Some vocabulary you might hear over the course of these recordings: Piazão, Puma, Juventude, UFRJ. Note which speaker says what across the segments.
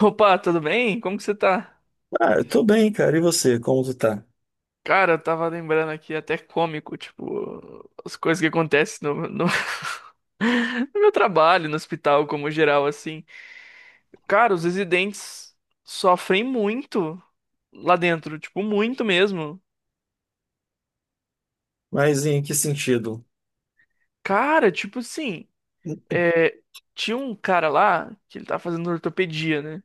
Speaker 1: Opa, tudo bem? Como que você tá?
Speaker 2: Ah, eu tô bem, cara. E você, como tu tá?
Speaker 1: Cara, eu tava lembrando aqui, até cômico, tipo, as coisas que acontecem no meu trabalho, no hospital, como geral, assim. Cara, os residentes sofrem muito lá dentro, tipo, muito mesmo.
Speaker 2: Mas em que sentido?
Speaker 1: Cara, tipo assim, é, tinha um cara lá que ele tava fazendo ortopedia, né?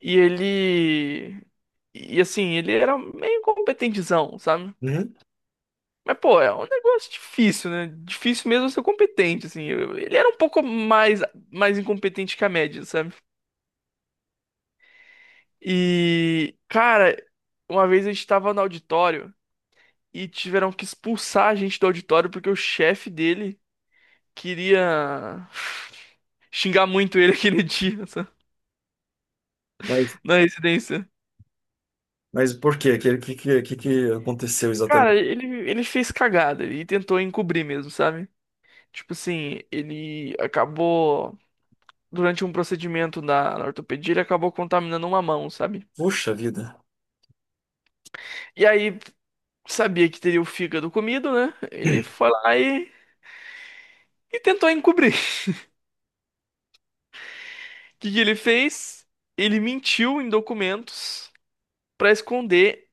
Speaker 1: E ele. E assim, ele era meio competentezão, sabe?
Speaker 2: Hum?
Speaker 1: Mas, pô, é um negócio difícil, né? Difícil mesmo ser competente, assim. Ele era um pouco mais incompetente que a média, sabe? E, cara, uma vez a gente tava no auditório e tiveram que expulsar a gente do auditório porque o chefe dele queria xingar muito ele aquele dia, sabe?
Speaker 2: Mas,
Speaker 1: Na residência.
Speaker 2: mas por quê? Que que aconteceu
Speaker 1: Cara,
Speaker 2: exatamente?
Speaker 1: ele fez cagada e tentou encobrir mesmo, sabe? Tipo assim, ele acabou. Durante um procedimento na ortopedia, ele acabou contaminando uma mão, sabe?
Speaker 2: Puxa vida.
Speaker 1: E aí, sabia que teria o fígado comido, né? Ele foi lá e tentou encobrir. O que que ele fez? Ele mentiu em documentos pra esconder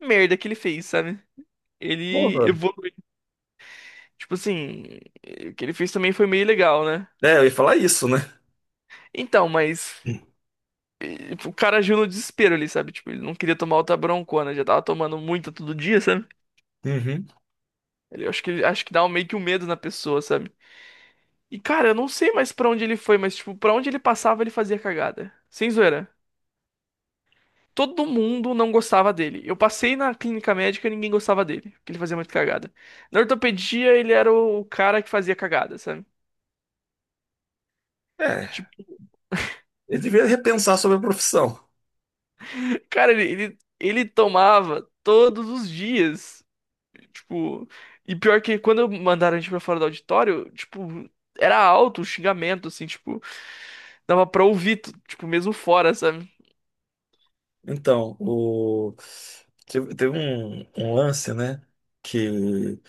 Speaker 1: a merda que ele fez, sabe? Ele
Speaker 2: Porra.
Speaker 1: evoluiu. Tipo assim, o que ele fez também foi meio legal, né?
Speaker 2: É, eu ia falar isso, né?
Speaker 1: Então, mas
Speaker 2: Hum.
Speaker 1: o cara agiu no desespero ali, sabe? Tipo, ele não queria tomar outra broncona, já tava tomando muita todo dia, sabe?
Speaker 2: Uhum.
Speaker 1: Ele, acho que, acho que dá meio que um medo na pessoa, sabe? E, cara, eu não sei mais pra onde ele foi, mas, tipo, pra onde ele passava, ele fazia cagada. Sem zoeira. Todo mundo não gostava dele. Eu passei na clínica médica e ninguém gostava dele, porque ele fazia muito cagada. Na ortopedia, ele era o cara que fazia cagada, sabe?
Speaker 2: É,
Speaker 1: Tipo,
Speaker 2: ele devia repensar sobre a profissão.
Speaker 1: cara, ele tomava todos os dias. Tipo, e pior que quando mandaram a gente pra fora do auditório, tipo, era alto o xingamento, assim, tipo, dava pra ouvir, tipo, mesmo fora, sabe?
Speaker 2: Então, teve um, lance, né? Que.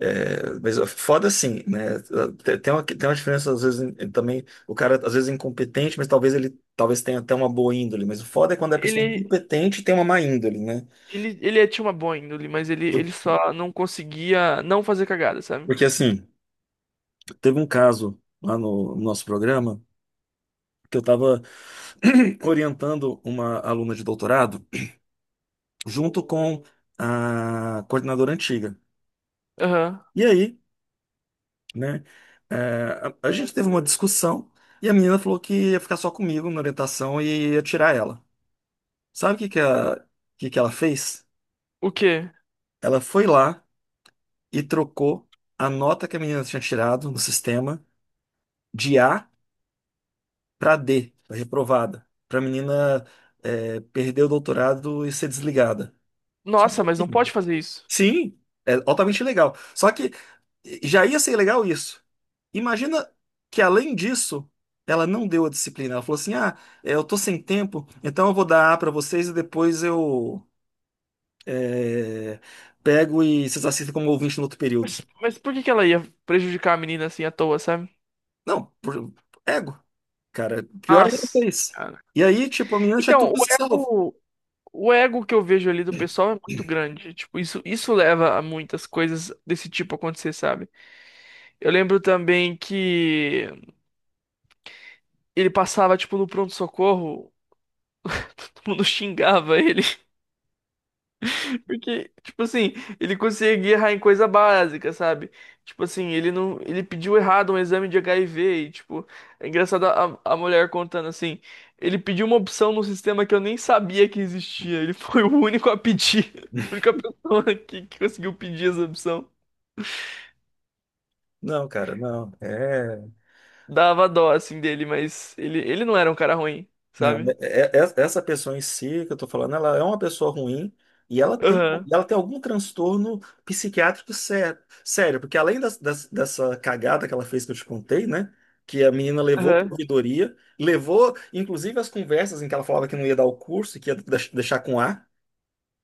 Speaker 2: É, mas é foda assim, né? Tem uma diferença, às vezes, também. O cara, às vezes, é incompetente, mas talvez ele talvez tenha até uma boa índole. Mas o foda é quando é pessoa é
Speaker 1: Ele,
Speaker 2: competente e tem uma má índole, né?
Speaker 1: Ele, ele tinha uma boa índole, mas
Speaker 2: Por-
Speaker 1: ele só não conseguia não fazer cagada, sabe?
Speaker 2: Porque, assim, teve um caso lá no nosso programa que eu tava orientando uma aluna de doutorado junto com a coordenadora antiga.
Speaker 1: Aham.
Speaker 2: E aí. Né? É, a gente teve uma discussão e a menina falou que ia ficar só comigo na orientação e ia tirar ela. Sabe o que que, que ela fez?
Speaker 1: O quê?
Speaker 2: Ela foi lá e trocou a nota que a menina tinha tirado no sistema de A para D, pra reprovada, para a menina perder o doutorado e ser desligada. Só que,
Speaker 1: Nossa, mas não pode
Speaker 2: assim,
Speaker 1: fazer isso.
Speaker 2: sim, é altamente legal. Só que já ia ser legal isso. Imagina que, além disso, ela não deu a disciplina. Ela falou assim: ah, eu tô sem tempo, então eu vou dar A pra vocês e depois eu é, pego e vocês assistem como ouvinte no outro período.
Speaker 1: Mas por que que ela ia prejudicar a menina assim à toa, sabe?
Speaker 2: Não, ego. Cara, pior ainda que
Speaker 1: Nossa,
Speaker 2: isso.
Speaker 1: cara.
Speaker 2: E aí, tipo, a menina tinha
Speaker 1: Então,
Speaker 2: tudo salvo.
Speaker 1: o ego que eu vejo ali do pessoal é muito grande. Tipo, isso leva a muitas coisas desse tipo acontecer, sabe? Eu lembro também que ele passava, tipo, no pronto-socorro, todo mundo xingava ele. Porque, tipo assim, ele conseguia errar em coisa básica, sabe? Tipo assim, ele não, ele pediu errado um exame de HIV e, tipo, é engraçado a mulher contando assim, ele pediu uma opção no sistema que eu nem sabia que existia. Ele foi o único a pedir, a única pessoa que conseguiu pedir essa opção.
Speaker 2: Não, cara, não. É.
Speaker 1: Dava dó, assim, dele, mas ele não era um cara ruim,
Speaker 2: Não,
Speaker 1: sabe?
Speaker 2: é, essa pessoa em si que eu tô falando, ela é uma pessoa ruim e ela tem,
Speaker 1: Aham,
Speaker 2: ela tem algum transtorno psiquiátrico sério, sério, porque além dessa cagada que ela fez que eu te contei, né? Que a menina levou para
Speaker 1: aham.
Speaker 2: ouvidoria, levou inclusive as conversas em que ela falava que não ia dar o curso, que ia deixar com A,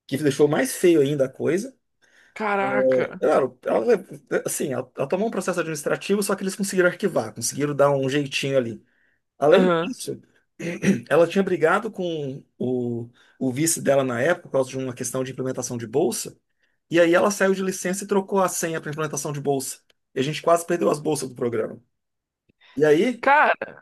Speaker 2: que deixou mais feio ainda a coisa. É,
Speaker 1: Caraca.
Speaker 2: claro, ela, assim, ela tomou um processo administrativo, só que eles conseguiram arquivar, conseguiram dar um jeitinho ali. Além
Speaker 1: Aham.
Speaker 2: disso, ela tinha brigado com o vice dela na época por causa de uma questão de implementação de bolsa, e aí ela saiu de licença e trocou a senha para implementação de bolsa. E a gente quase perdeu as bolsas do programa. E aí,
Speaker 1: Cara,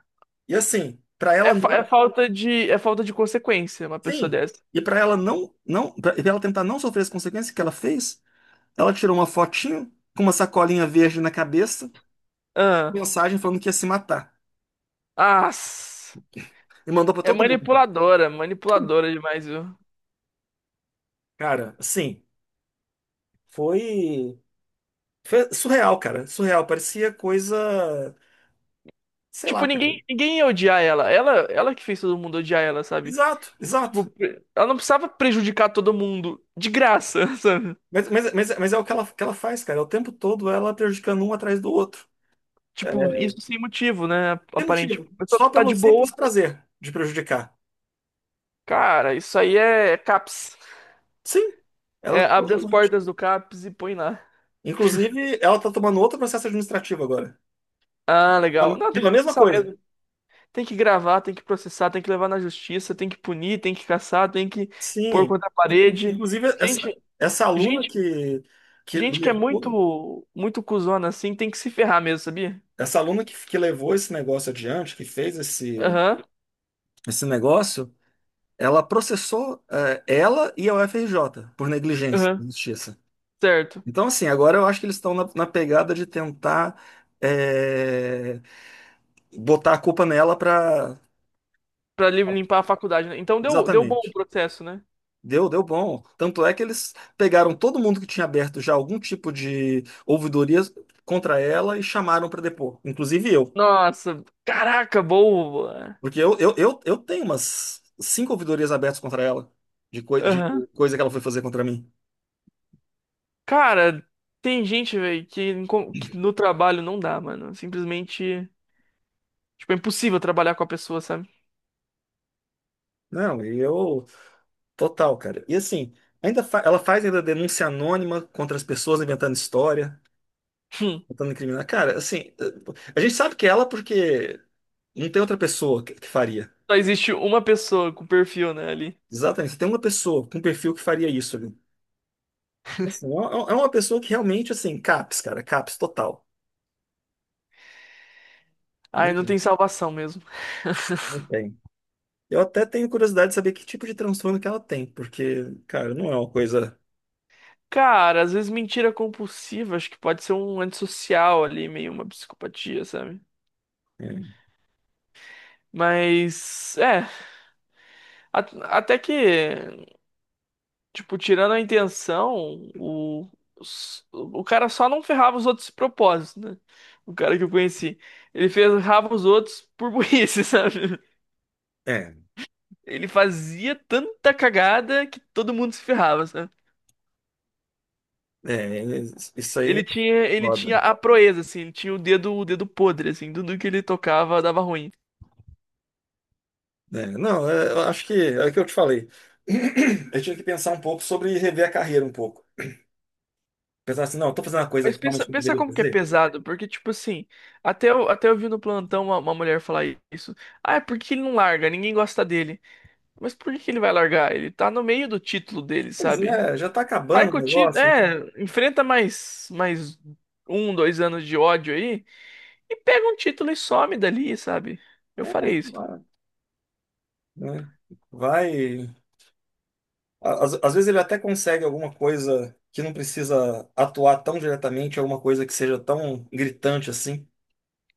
Speaker 2: e assim, para ela
Speaker 1: é, é
Speaker 2: não,
Speaker 1: falta é falta de consequência uma pessoa
Speaker 2: sim,
Speaker 1: dessa.
Speaker 2: e para ela não, não, para ela tentar não sofrer as consequências que ela fez, ela tirou uma fotinho com uma sacolinha verde na cabeça,
Speaker 1: Aham.
Speaker 2: mensagem falando que ia se matar
Speaker 1: Ah,
Speaker 2: e mandou para
Speaker 1: é
Speaker 2: todo mundo.
Speaker 1: manipuladora, manipuladora demais, viu?
Speaker 2: Cara, assim, foi Foi surreal, cara. Surreal. Parecia coisa. Sei lá,
Speaker 1: Tipo,
Speaker 2: cara.
Speaker 1: ninguém ia odiar ela. Ela que fez todo mundo odiar ela, sabe?
Speaker 2: Exato,
Speaker 1: Tipo,
Speaker 2: exato.
Speaker 1: ela não precisava prejudicar todo mundo de graça, sabe?
Speaker 2: Mas é o que ela faz, cara. É, o tempo todo ela prejudicando um atrás do outro.
Speaker 1: Tipo,
Speaker 2: É,
Speaker 1: isso sem motivo, né?
Speaker 2: tem
Speaker 1: Aparente. Tipo,
Speaker 2: motivo.
Speaker 1: a
Speaker 2: Só
Speaker 1: pessoa tá
Speaker 2: pelo
Speaker 1: de boa.
Speaker 2: simples prazer de prejudicar.
Speaker 1: Cara, isso aí é CAPS.
Speaker 2: Sim.
Speaker 1: É,
Speaker 2: Ela.
Speaker 1: abre as portas do CAPS e põe lá.
Speaker 2: Inclusive, ela tá tomando outro processo administrativo agora.
Speaker 1: Ah, legal.
Speaker 2: Pela
Speaker 1: Não, tem
Speaker 2: pela
Speaker 1: que
Speaker 2: mesma
Speaker 1: processar
Speaker 2: coisa.
Speaker 1: mesmo. Tem que gravar, tem que processar, tem que levar na justiça, tem que punir, tem que caçar, tem que pôr
Speaker 2: Sim.
Speaker 1: contra a
Speaker 2: Inclu-
Speaker 1: parede.
Speaker 2: Inclusive,
Speaker 1: Gente, gente,
Speaker 2: que
Speaker 1: gente que é
Speaker 2: levou,
Speaker 1: muito, muito cuzona assim tem que se ferrar mesmo, sabia?
Speaker 2: essa aluna que levou esse negócio adiante, que fez esse,
Speaker 1: Aham,
Speaker 2: esse negócio. Ela processou ela e a UFRJ por negligência na
Speaker 1: ahaham,
Speaker 2: justiça.
Speaker 1: certo.
Speaker 2: Então, assim, agora eu acho que eles estão na pegada de tentar eh, botar a culpa nela para.
Speaker 1: Limpar a faculdade, né? Então deu, deu bom o
Speaker 2: Exatamente.
Speaker 1: processo, né?
Speaker 2: Deu bom. Tanto é que eles pegaram todo mundo que tinha aberto já algum tipo de ouvidoria contra ela e chamaram para depor, inclusive eu.
Speaker 1: Nossa, caraca, boa.
Speaker 2: Porque eu tenho umas cinco ouvidorias abertas contra ela, de, coi de
Speaker 1: Aham.
Speaker 2: coisa que ela foi fazer contra mim.
Speaker 1: Cara, tem gente, velho, que no trabalho não dá, mano. Simplesmente, tipo, é impossível trabalhar com a pessoa, sabe?
Speaker 2: Não, e eu. Total, cara. E assim, ainda ela faz ainda denúncia anônima contra as pessoas inventando história,
Speaker 1: Hum,
Speaker 2: tentando incriminar. Cara, assim, a gente sabe que é ela porque não tem outra pessoa que faria.
Speaker 1: Só existe uma pessoa com perfil, né, ali.
Speaker 2: Exatamente, só tem uma pessoa com perfil que faria isso ali. Assim, é uma pessoa que realmente, assim, CAPS, cara, CAPS total.
Speaker 1: Aí não
Speaker 2: Não,
Speaker 1: tem salvação mesmo.
Speaker 2: não tem. Eu até tenho curiosidade de saber que tipo de transtorno que ela tem, porque, cara, não é uma coisa.
Speaker 1: Cara, às vezes mentira compulsiva, acho que pode ser um antissocial ali, meio uma psicopatia, sabe?
Speaker 2: É,
Speaker 1: Mas, é, até que, tipo, tirando a intenção, o, o cara só não ferrava os outros de propósito, né? O cara que eu conheci. Ele ferrava os outros por burrice, sabe?
Speaker 2: é,
Speaker 1: Ele fazia tanta cagada que todo mundo se ferrava, sabe?
Speaker 2: é, isso aí é
Speaker 1: Ele
Speaker 2: foda.
Speaker 1: tinha a proeza, assim, ele tinha o dedo podre, assim, tudo que ele tocava dava ruim.
Speaker 2: É, não, é, eu acho que é o que eu te falei. Eu tive que pensar um pouco sobre rever a carreira um pouco. Pensar assim, não, eu tô fazendo uma coisa
Speaker 1: Mas
Speaker 2: que
Speaker 1: pensa,
Speaker 2: realmente eu
Speaker 1: pensa
Speaker 2: deveria
Speaker 1: como que é
Speaker 2: fazer.
Speaker 1: pesado, porque, tipo assim, até eu vi no plantão uma mulher falar isso. Ah, é porque ele não larga, ninguém gosta dele. Mas por que que ele vai largar? Ele tá no meio do título dele,
Speaker 2: Pois
Speaker 1: sabe?
Speaker 2: é, já tá
Speaker 1: Sai
Speaker 2: acabando o
Speaker 1: com o título,
Speaker 2: negócio.
Speaker 1: é, enfrenta mais um, dois anos de ódio aí, e pega um título e some dali, sabe? Eu
Speaker 2: Né? É,
Speaker 1: farei
Speaker 2: sei
Speaker 1: isso.
Speaker 2: lá, né? Vai. Às vezes ele até consegue alguma coisa que não precisa atuar tão diretamente, alguma coisa que seja tão gritante assim.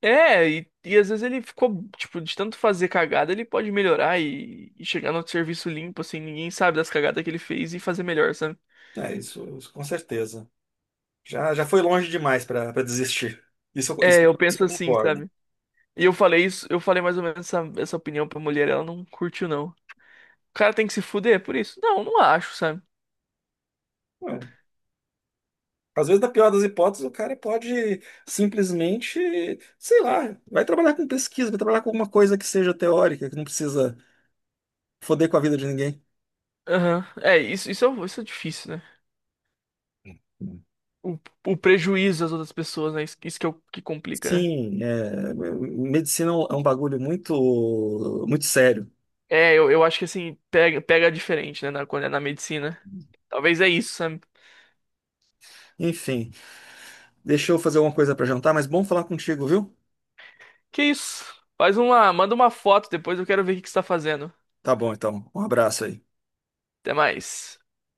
Speaker 1: É, e às vezes ele ficou, tipo, de tanto fazer cagada, ele pode melhorar e chegar no serviço limpo, assim, ninguém sabe das cagadas que ele fez e fazer melhor, sabe?
Speaker 2: É, isso com certeza. Já, já foi longe demais para desistir. Isso,
Speaker 1: É,
Speaker 2: isso,
Speaker 1: eu
Speaker 2: isso
Speaker 1: penso
Speaker 2: eu
Speaker 1: assim,
Speaker 2: concordo.
Speaker 1: sabe? E eu falei isso, eu falei mais ou menos essa opinião pra mulher, ela não curtiu, não. O cara tem que se fuder por isso? Não, não acho, sabe?
Speaker 2: É. Às vezes, na pior das hipóteses, o cara pode simplesmente, sei lá, vai trabalhar com pesquisa, vai trabalhar com alguma coisa que seja teórica, que não precisa foder com a vida de ninguém.
Speaker 1: Aham. É, isso é difícil, né? O, o prejuízo das outras pessoas, né? Isso que, é o que complica, né?
Speaker 2: Sim, é, medicina é um bagulho muito, muito sério.
Speaker 1: É, eu acho que assim, pega, pega diferente, né? Quando é na medicina. Talvez é isso, sabe?
Speaker 2: Enfim, deixa eu fazer alguma coisa para jantar, mas bom falar contigo, viu?
Speaker 1: Que isso? Faz uma, manda uma foto depois, eu quero ver o que que você tá fazendo.
Speaker 2: Tá bom, então. Um abraço aí.
Speaker 1: Até mais.